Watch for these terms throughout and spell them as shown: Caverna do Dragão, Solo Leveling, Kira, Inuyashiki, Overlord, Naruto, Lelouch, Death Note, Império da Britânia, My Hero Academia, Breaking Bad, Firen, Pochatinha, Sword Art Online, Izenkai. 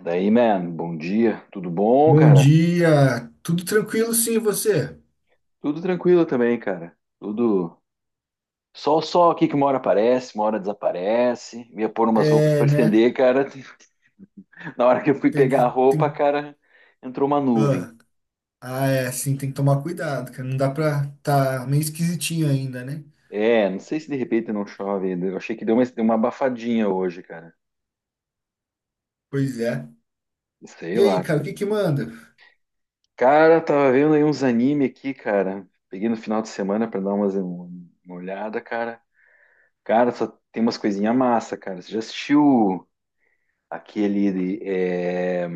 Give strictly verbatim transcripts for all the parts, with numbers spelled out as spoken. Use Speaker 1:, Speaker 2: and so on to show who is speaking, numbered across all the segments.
Speaker 1: Daí, man, bom dia. Tudo bom,
Speaker 2: Bom
Speaker 1: cara?
Speaker 2: dia, tudo tranquilo sim, e você?
Speaker 1: Tudo tranquilo também, cara. Tudo. Sol, só aqui que uma hora aparece, uma hora desaparece. Ia pôr umas roupas
Speaker 2: É,
Speaker 1: pra
Speaker 2: né?
Speaker 1: estender, cara. Na hora que eu fui
Speaker 2: Tem
Speaker 1: pegar
Speaker 2: que
Speaker 1: a roupa,
Speaker 2: tem
Speaker 1: cara, entrou uma nuvem.
Speaker 2: ah, ah, É assim, tem que tomar cuidado, cara. Não dá pra tá meio esquisitinho ainda, né?
Speaker 1: É, não sei se de repente não chove ainda. Eu achei que deu uma, deu uma abafadinha hoje, cara.
Speaker 2: Pois é.
Speaker 1: Sei
Speaker 2: E aí,
Speaker 1: lá,
Speaker 2: cara, o
Speaker 1: cara.
Speaker 2: que que manda?
Speaker 1: Cara, tava vendo aí uns anime aqui, cara. Peguei no final de semana pra dar umas, uma olhada, cara. Cara, só tem umas coisinhas massa, cara. Você já assistiu? Aquele de, é,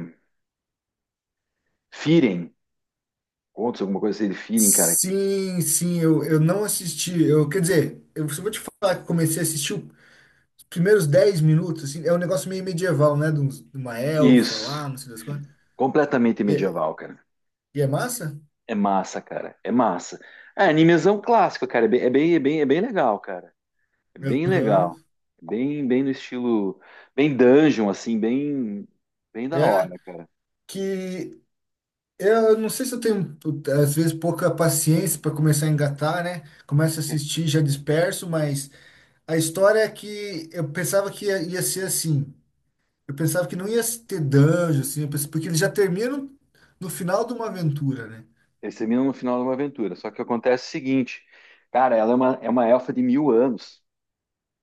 Speaker 1: Firen, contos, alguma coisa assim de Firen, cara.
Speaker 2: Sim, sim, eu, eu não assisti. Eu, quer dizer, eu só vou te falar que eu comecei a assistir os primeiros dez minutos, assim, é um negócio meio medieval, né? De, uns- de uma elfa
Speaker 1: Isso,
Speaker 2: lá, não sei das coisas.
Speaker 1: completamente
Speaker 2: E, é-
Speaker 1: medieval, cara.
Speaker 2: e é massa?
Speaker 1: É massa, cara, é massa. É animezão clássico, cara, é bem, é bem, é bem, é bem legal, cara. É bem legal.
Speaker 2: Aham.
Speaker 1: Bem, bem no estilo, bem dungeon, assim, bem, bem da
Speaker 2: É.
Speaker 1: hora, cara.
Speaker 2: Que Eu não sei se eu tenho, às vezes, pouca paciência para começar a engatar, né? Começo a
Speaker 1: É,
Speaker 2: assistir, já disperso, mas a história é que eu pensava que ia, ia ser assim. Eu pensava que não ia ter dungeon, assim, eu pensei- porque eles já terminam no final de uma aventura, né?
Speaker 1: esse é no final de uma aventura. Só que acontece o seguinte, cara, ela é uma, é uma elfa de mil anos.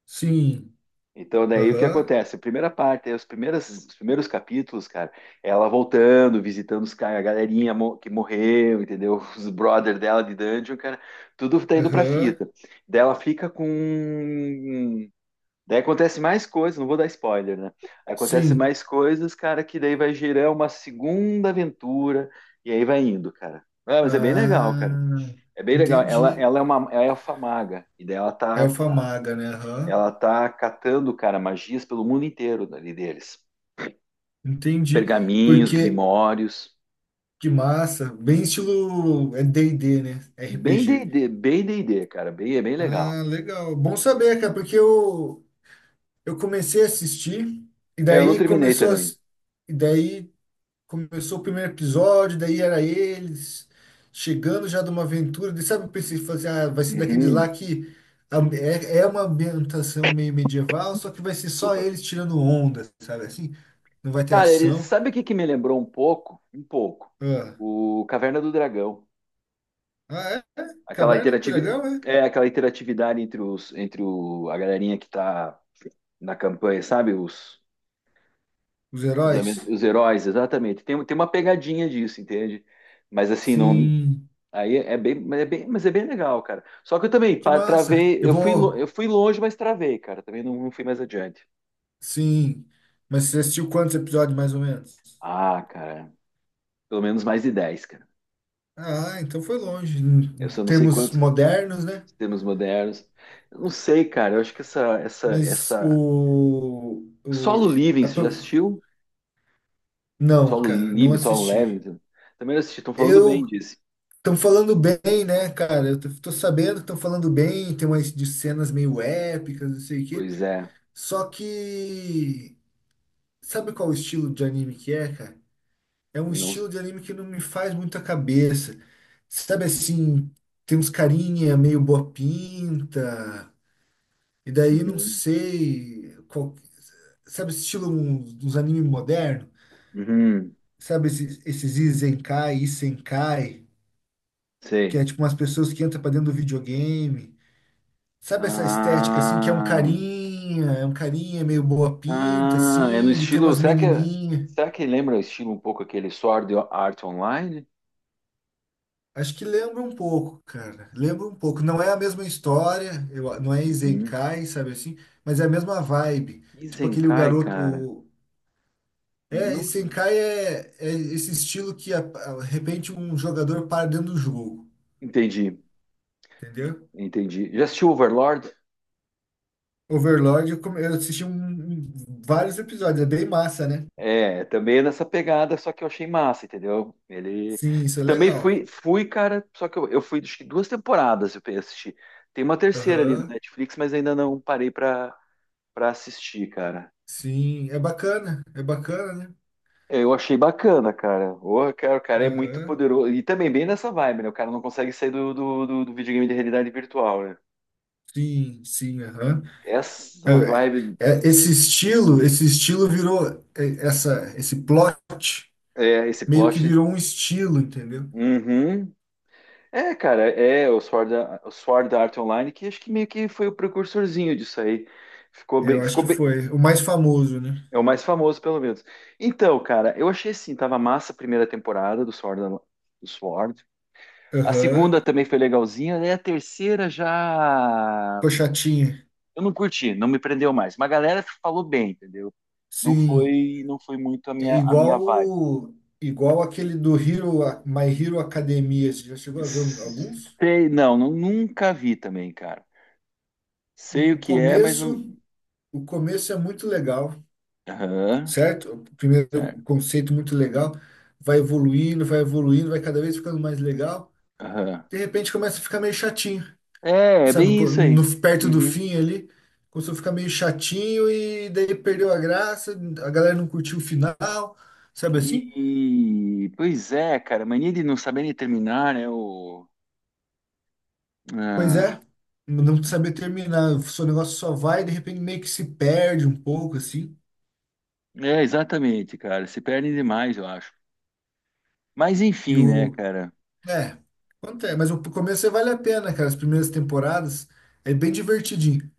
Speaker 2: Sim.
Speaker 1: Então, daí o que
Speaker 2: Aham.
Speaker 1: acontece? A primeira parte, os primeiros, os primeiros capítulos, cara, ela voltando, visitando os caras, a galerinha mo- que morreu, entendeu? Os brother dela de dungeon, cara, tudo tá indo pra
Speaker 2: Aham.
Speaker 1: fita. Daí ela fica com. Daí acontece mais coisas, não vou dar spoiler, né? Aí acontece
Speaker 2: Sim.
Speaker 1: mais coisas, cara, que daí vai gerar uma segunda aventura, e aí vai indo, cara. Ah, mas é bem legal, cara.
Speaker 2: Ah,
Speaker 1: É bem legal. Ela,
Speaker 2: entendi.
Speaker 1: ela é uma ela é elfa maga, e daí ela tá
Speaker 2: Elfa Maga, né? Aham.
Speaker 1: ela tá catando, cara, magias pelo mundo inteiro ali deles.
Speaker 2: Entendi.
Speaker 1: Pergaminhos,
Speaker 2: Porque,
Speaker 1: grimórios.
Speaker 2: que massa. Bem estilo é d e d né?
Speaker 1: Bem D e D,
Speaker 2: R P G.
Speaker 1: bem D e D, cara. Bem, é bem legal.
Speaker 2: Ah, legal. Bom saber, cara, porque eu, eu comecei a assistir, e
Speaker 1: É, eu não
Speaker 2: daí
Speaker 1: terminei
Speaker 2: começou a,
Speaker 1: também.
Speaker 2: e daí começou o primeiro episódio, daí era eles chegando já de uma aventura. Daí, sabe, eu pensei, fazer, ah, vai ser daqueles lá
Speaker 1: Uhum,
Speaker 2: que a- é, é uma ambientação meio medieval, só que vai ser só
Speaker 1: desculpa.
Speaker 2: eles tirando onda, sabe assim? Não vai ter
Speaker 1: Cara, eles,
Speaker 2: ação.
Speaker 1: sabe o que que me lembrou um pouco? Um pouco.
Speaker 2: Ah,
Speaker 1: O Caverna do Dragão.
Speaker 2: ah, é?
Speaker 1: Aquela
Speaker 2: Caverna do
Speaker 1: interatividade,
Speaker 2: Dragão, é?
Speaker 1: é, aquela interatividade entre os, entre o, a galerinha que tá na campanha, sabe? Os,
Speaker 2: Os
Speaker 1: os,
Speaker 2: heróis?
Speaker 1: am- os heróis, exatamente. Tem, tem uma pegadinha disso, entende? Mas assim, não.
Speaker 2: Sim.
Speaker 1: Aí é bem, mas é bem, mas é bem legal, cara. Só que eu também
Speaker 2: Que
Speaker 1: pa-
Speaker 2: massa.
Speaker 1: travei,
Speaker 2: Eu
Speaker 1: eu fui, lo-
Speaker 2: vou.
Speaker 1: eu fui longe, mas travei, cara. Também não, não fui mais adiante.
Speaker 2: Sim. Mas você assistiu quantos episódios, mais ou menos?
Speaker 1: Ah, cara, pelo menos mais de dez, cara.
Speaker 2: Ah, então foi longe. Em
Speaker 1: Eu
Speaker 2: em
Speaker 1: só não sei
Speaker 2: termos
Speaker 1: quantos
Speaker 2: modernos, né?
Speaker 1: sistemas modernos. Eu não sei, cara. Eu acho que essa, essa,
Speaker 2: Mas
Speaker 1: essa
Speaker 2: o, o
Speaker 1: Solo Living,
Speaker 2: a
Speaker 1: você já
Speaker 2: pro-
Speaker 1: assistiu?
Speaker 2: não,
Speaker 1: Solo
Speaker 2: cara, não
Speaker 1: Living, Solo
Speaker 2: assisti.
Speaker 1: Leveling. Também não assisti. Estão falando bem
Speaker 2: Eu
Speaker 1: disso.
Speaker 2: Estão falando bem, né, cara? Eu tô, tô sabendo que estão falando bem, tem umas de cenas meio épicas, não sei o quê.
Speaker 1: Pois é.
Speaker 2: Só que sabe qual o estilo de anime que é, cara? É um
Speaker 1: Não
Speaker 2: estilo
Speaker 1: sei.
Speaker 2: de anime que não me faz muita cabeça. Sabe assim, tem uns carinha meio boa pinta, e daí não
Speaker 1: Uhum.
Speaker 2: sei qual- sabe esse estilo uns, uns anime moderno?
Speaker 1: Uhum.
Speaker 2: Sabe esses, esses Izenkai, Isenkai, que é
Speaker 1: Sei.
Speaker 2: tipo umas pessoas que entram pra dentro do videogame. Sabe essa estética assim que é um
Speaker 1: Ah.
Speaker 2: carinha, é um carinha meio boa pinta
Speaker 1: Ah, é no
Speaker 2: assim, e tem
Speaker 1: estilo.
Speaker 2: umas
Speaker 1: Será que, é-
Speaker 2: menininhas.
Speaker 1: será que lembra o estilo um pouco aquele Sword Art Online?
Speaker 2: Acho que lembra um pouco, cara. Lembra um pouco. Não é a mesma história, eu, não é
Speaker 1: Uhum.
Speaker 2: Isenkai, sabe assim? Mas é a mesma vibe. Tipo aquele o
Speaker 1: Izenkai,
Speaker 2: garoto.
Speaker 1: cara.
Speaker 2: o- É,
Speaker 1: Não
Speaker 2: Isenkai é, é esse estilo que, a- a- de repente, um jogador para dentro do jogo.
Speaker 1: entendi,
Speaker 2: Entendeu?
Speaker 1: entendi. Já assistiu Overlord?
Speaker 2: Overlord, eu, come- eu assisti um- um- vários episódios. É bem massa, né?
Speaker 1: É, também é nessa pegada, só que eu achei massa, entendeu? Ele
Speaker 2: Sim, isso é
Speaker 1: também
Speaker 2: legal.
Speaker 1: fui, fui, cara, só que eu, eu fui acho que duas temporadas eu pe- assisti. Tem uma terceira ali no
Speaker 2: Aham.
Speaker 1: Netflix, mas ainda não parei pra, pra assistir, cara.
Speaker 2: Sim, é bacana. É bacana, né?
Speaker 1: É, eu achei bacana, cara. Porra, cara, o cara é muito
Speaker 2: Aham.
Speaker 1: poderoso. E também bem nessa vibe, né? O cara não consegue sair do, do, do- do videogame de realidade virtual, né?
Speaker 2: Sim, sim, aham.
Speaker 1: Essa
Speaker 2: É,
Speaker 1: vibe,
Speaker 2: é, esse estilo, esse estilo virou é, essa, esse plot
Speaker 1: é, esse
Speaker 2: meio que
Speaker 1: plot.
Speaker 2: virou um estilo, entendeu?
Speaker 1: Uhum. É, cara, é o Sword, A- o Sword Art Online, que acho que meio que foi o precursorzinho disso aí. Ficou
Speaker 2: Eu
Speaker 1: bem,
Speaker 2: acho
Speaker 1: ficou
Speaker 2: que
Speaker 1: bem.
Speaker 2: foi o mais famoso, né?
Speaker 1: É o mais famoso, pelo menos. Então, cara, eu achei assim, tava massa a primeira temporada do Sword, Al- do Sword. A
Speaker 2: Aham,
Speaker 1: segunda também foi legalzinha, né? A terceira já.
Speaker 2: Pochatinha.
Speaker 1: Eu não curti, não me prendeu mais. Mas a galera falou bem, entendeu? Não
Speaker 2: Sim,
Speaker 1: foi, não foi muito a
Speaker 2: é
Speaker 1: minha, a minha
Speaker 2: igual
Speaker 1: vibe.
Speaker 2: o- igual aquele do Hero, My Hero Academia. Você já chegou a ver um- alguns?
Speaker 1: Sei, não, não, nunca vi também, cara. Sei o
Speaker 2: O
Speaker 1: que é, mas não.
Speaker 2: começo, o começo é muito legal,
Speaker 1: Aham,
Speaker 2: certo? O primeiro
Speaker 1: certo.
Speaker 2: conceito muito legal, vai evoluindo, vai evoluindo, vai cada vez ficando mais legal.
Speaker 1: Aham.
Speaker 2: De repente começa a ficar meio chatinho.
Speaker 1: É, é
Speaker 2: Sabe,
Speaker 1: bem
Speaker 2: co-
Speaker 1: isso aí.
Speaker 2: no, perto do
Speaker 1: Uhum.
Speaker 2: fim ali, começou a ficar meio chatinho e daí perdeu a graça, a galera não curtiu o final, sabe assim?
Speaker 1: E, pois é, cara, mania de não saber nem terminar, né? O...
Speaker 2: Pois
Speaker 1: Ah,
Speaker 2: é, não saber terminar, o seu negócio só vai, de repente meio que se perde um pouco, assim,
Speaker 1: é, exatamente, cara. Se perdem demais, eu acho. Mas
Speaker 2: e
Speaker 1: enfim, né,
Speaker 2: o...
Speaker 1: cara?
Speaker 2: É, acontece, mas o começo é- vale a pena, cara, as primeiras temporadas é bem divertidinho.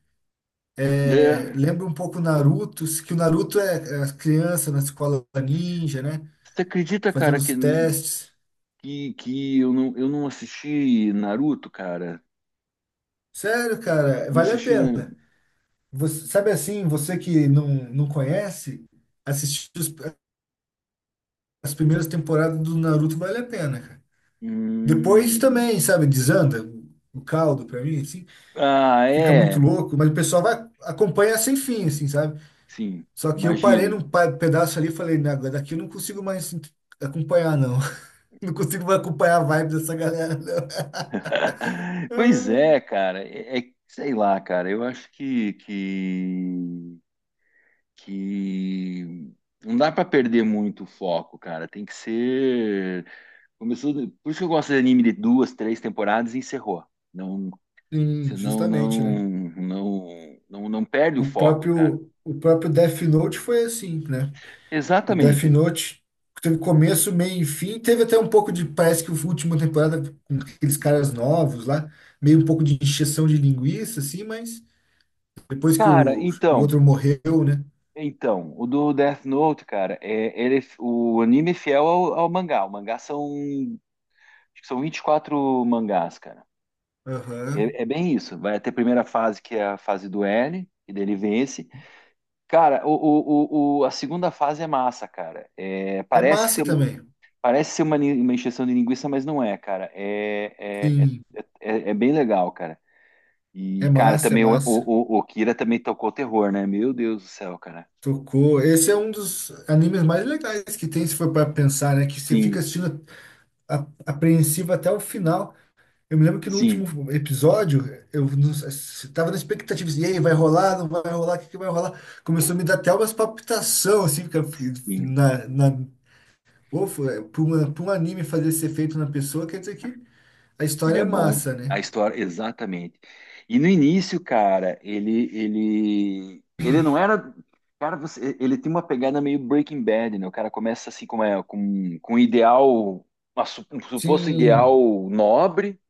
Speaker 2: É,
Speaker 1: É,
Speaker 2: lembra um pouco o Naruto, que o Naruto é é as crianças na escola ninja, né,
Speaker 1: você acredita,
Speaker 2: fazendo
Speaker 1: cara, que
Speaker 2: os testes.
Speaker 1: que, que eu não, eu não assisti Naruto, cara.
Speaker 2: Sério, cara,
Speaker 1: Não
Speaker 2: vale a
Speaker 1: assisti. Na...
Speaker 2: pena. Você, sabe assim, você que não, não conhece, assistir os- as primeiras temporadas do Naruto vale a pena, cara. Depois
Speaker 1: Hum,
Speaker 2: também, sabe, desanda o caldo pra mim, assim,
Speaker 1: ah,
Speaker 2: fica muito
Speaker 1: é.
Speaker 2: louco, mas o pessoal vai acompanha sem fim, assim, sabe?
Speaker 1: Sim,
Speaker 2: Só que eu parei num
Speaker 1: imagino.
Speaker 2: pa- pedaço ali e falei, não, agora daqui eu não consigo mais ent- acompanhar, não. Não consigo mais acompanhar a vibe dessa galera, não.
Speaker 1: Pois é, cara. É, é- sei lá, cara. Eu acho que, que, que não dá pra perder muito o foco, cara. Tem que ser. Começou. Por isso que eu gosto de anime de duas, três temporadas e encerrou. Não,
Speaker 2: Sim,
Speaker 1: senão
Speaker 2: justamente, né?
Speaker 1: não, não, não, não perde o
Speaker 2: O
Speaker 1: foco, cara.
Speaker 2: próprio, o próprio Death Note foi assim, né? O Death
Speaker 1: Exatamente.
Speaker 2: Note teve começo, meio e fim. Teve até um pouco de, parece que a última temporada com aqueles caras novos lá, meio um pouco de encheção de linguiça, assim, mas depois que
Speaker 1: Cara,
Speaker 2: o, o
Speaker 1: então,
Speaker 2: outro morreu, né?
Speaker 1: então, o do Death Note, cara, é, ele, é- o anime é fiel ao, ao mangá. O mangá são, acho que são vinte e quatro mangás, cara.
Speaker 2: Aham.
Speaker 1: É, é bem isso. Vai até a primeira fase, que é a fase do L, e dele vence. Cara, o, o, o, o- a segunda fase é massa, cara. É,
Speaker 2: É
Speaker 1: parece
Speaker 2: massa
Speaker 1: ser,
Speaker 2: também.
Speaker 1: parece ser uma, ni- uma encheção de linguiça, mas não é, cara. É, é,
Speaker 2: Sim,
Speaker 1: é, é, é bem legal, cara.
Speaker 2: é
Speaker 1: E, cara,
Speaker 2: massa, é
Speaker 1: também o,
Speaker 2: massa.
Speaker 1: o, o o Kira também tocou terror, né? Meu Deus do céu, cara.
Speaker 2: Tocou. Esse é um dos animes mais legais que tem, se for para pensar, né? Que você fica
Speaker 1: Sim.
Speaker 2: assistindo a- apreensivo até o final. Eu me lembro que no
Speaker 1: Sim,
Speaker 2: último episódio, eu estava sei- tava na expectativa, assim, e aí, vai rolar, não vai rolar, o que que vai rolar? Começou a me dar até umas palpitação, assim, fica-
Speaker 1: sim,
Speaker 2: na, na, pô, foi- pra uma- pra um anime fazer esse efeito na pessoa, quer dizer que a
Speaker 1: ele
Speaker 2: história
Speaker 1: é
Speaker 2: é
Speaker 1: bom.
Speaker 2: massa,
Speaker 1: A
Speaker 2: né?
Speaker 1: história, exatamente. E no início, cara, ele, ele, ele não era. Cara, você, ele tem uma pegada meio Breaking Bad, né? O cara começa assim com, é, com, com um ideal, uma su- um suposto
Speaker 2: Sim,
Speaker 1: ideal nobre,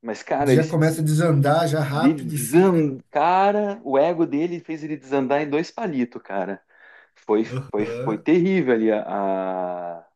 Speaker 1: mas, cara, ele
Speaker 2: já
Speaker 1: se
Speaker 2: começa
Speaker 1: des-
Speaker 2: a desandar, já
Speaker 1: ele
Speaker 2: rápido, sim, né?
Speaker 1: desan- cara, o ego dele fez ele desandar em dois palitos, cara. Foi, foi, foi
Speaker 2: Aham,
Speaker 1: terrível ali a,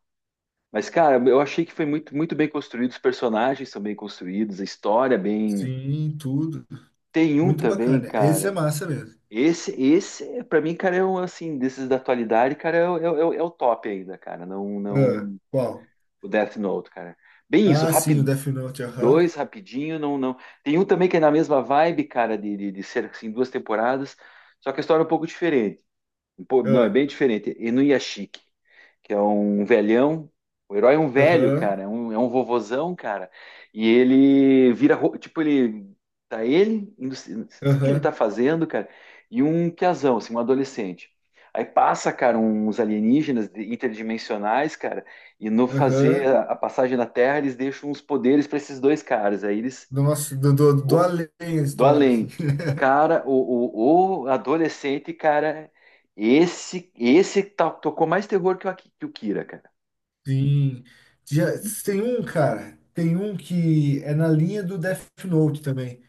Speaker 1: Mas, cara, eu achei que foi muito, muito bem construído, os personagens são bem construídos, a história é bem.
Speaker 2: sim, tudo.
Speaker 1: Tem um
Speaker 2: Muito
Speaker 1: também,
Speaker 2: bacana, esse é
Speaker 1: cara.
Speaker 2: massa mesmo.
Speaker 1: Esse, esse, para mim, cara, é um assim, desses da atualidade, cara, é, o- é, o- é o top ainda, cara. Não, não,
Speaker 2: Ah, qual?
Speaker 1: o Death Note, cara. Bem isso,
Speaker 2: Ah, sim, o
Speaker 1: rápido,
Speaker 2: Death Note, aham,
Speaker 1: dois rapidinho, não, não. Tem um também que é na mesma vibe, cara, de, de, de ser assim duas temporadas, só que a história é um pouco diferente. Pô, não, é
Speaker 2: ah,
Speaker 1: bem diferente. Inuyashiki, que é um velhão. O herói é um velho,
Speaker 2: aham,
Speaker 1: cara. É um, é um vovozão, cara. E ele vira. ro- Tipo, ele. Tá ele. indo- Não sei o que ele tá
Speaker 2: aham,
Speaker 1: fazendo, cara. E um piazão, assim, um adolescente. Aí passa, cara, uns alienígenas de- interdimensionais, cara. E no fazer
Speaker 2: aham.
Speaker 1: a a passagem na Terra, eles deixam uns poderes pra esses dois caras. Aí eles
Speaker 2: Do nosso do, do, do além a
Speaker 1: do
Speaker 2: história, assim.
Speaker 1: além. Cara, o, o, o adolescente, cara, esse esse tá- tocou mais terror que o, Aki- que o Kira, cara.
Speaker 2: Sim. Já, tem um, cara, tem um que é na linha do Death Note também.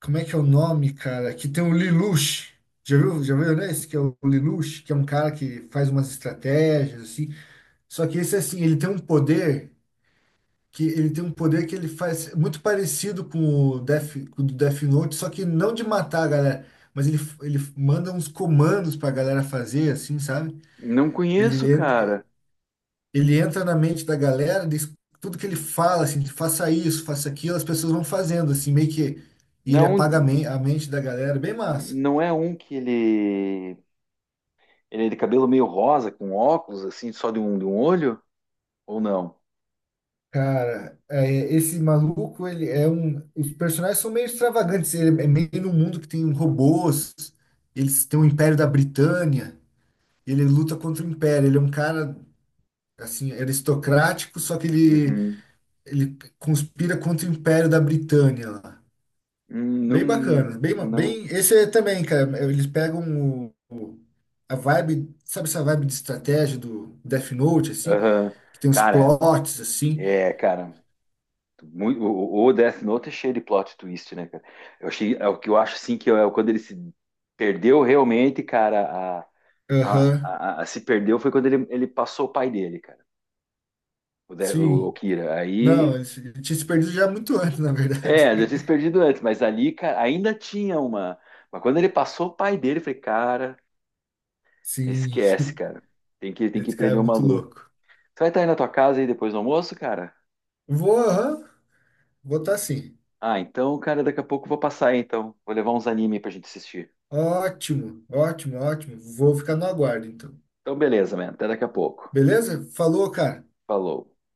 Speaker 2: Como é que é o nome, cara? Que tem o Lelouch. Já viu, já viu, né? Esse que é o Lelouch, que é um cara que faz umas estratégias, assim. Só que esse, assim, ele tem um poder que ele tem um poder que ele faz muito parecido com o Death, com o do Death Note, só que não de matar a galera, mas ele, ele manda uns comandos pra galera fazer, assim, sabe?
Speaker 1: Não conheço,
Speaker 2: Ele entra.
Speaker 1: cara.
Speaker 2: ele entra na mente da galera, diz- tudo que ele fala, assim, faça isso, faça aquilo, as pessoas vão fazendo, assim, meio que. E
Speaker 1: Não,
Speaker 2: ele
Speaker 1: é
Speaker 2: apaga a
Speaker 1: um,
Speaker 2: men- a mente da galera, bem massa.
Speaker 1: não é um que ele ele é de cabelo meio rosa, com óculos assim, só de um de um olho ou não?
Speaker 2: Cara, é, esse maluco, ele é um. Os personagens são meio extravagantes. Ele é meio num mundo que tem robôs, eles têm o Império da Britânia, ele luta contra o Império. Ele é um cara, assim, aristocrático, só que ele,
Speaker 1: Uhum.
Speaker 2: ele conspira contra o Império da Britânia lá.
Speaker 1: Hum, não,
Speaker 2: Bem bacana, bem,
Speaker 1: não.
Speaker 2: bem, esse é também, cara, eles pegam o- o- a vibe, sabe essa vibe de estratégia do Death Note, assim,
Speaker 1: Aham.
Speaker 2: que tem uns
Speaker 1: Cara,
Speaker 2: plots, assim,
Speaker 1: é, cara. Muito, o, o Death Note é cheio de plot twist, né, cara? Eu achei, é o que eu acho, assim, que é quando ele se perdeu realmente, cara, a, a,
Speaker 2: aham.
Speaker 1: a- a se perdeu foi quando ele, ele passou o pai dele, cara, o, De, o, o
Speaker 2: Sim,
Speaker 1: Kira. Aí,
Speaker 2: não, ele se- ele tinha se perdido já muito antes, na verdade.
Speaker 1: é, já tinha se perdido antes, mas ali, cara, ainda tinha uma. Mas quando ele passou o pai dele, eu falei, cara,
Speaker 2: Sim,
Speaker 1: esquece, cara. Tem que, tem que
Speaker 2: esse cara é
Speaker 1: prender o
Speaker 2: muito
Speaker 1: maluco.
Speaker 2: louco.
Speaker 1: Você vai estar aí na tua casa aí depois do almoço, cara?
Speaker 2: Vou, aham, vou estar sim.
Speaker 1: Ah, então, cara, daqui a pouco eu vou passar aí, então. Vou levar uns anime aí pra gente assistir.
Speaker 2: Ótimo, ótimo, ótimo, vou ficar no aguardo, então,
Speaker 1: Então, beleza, man. Até daqui a pouco.
Speaker 2: beleza? Falou, cara.
Speaker 1: Falou.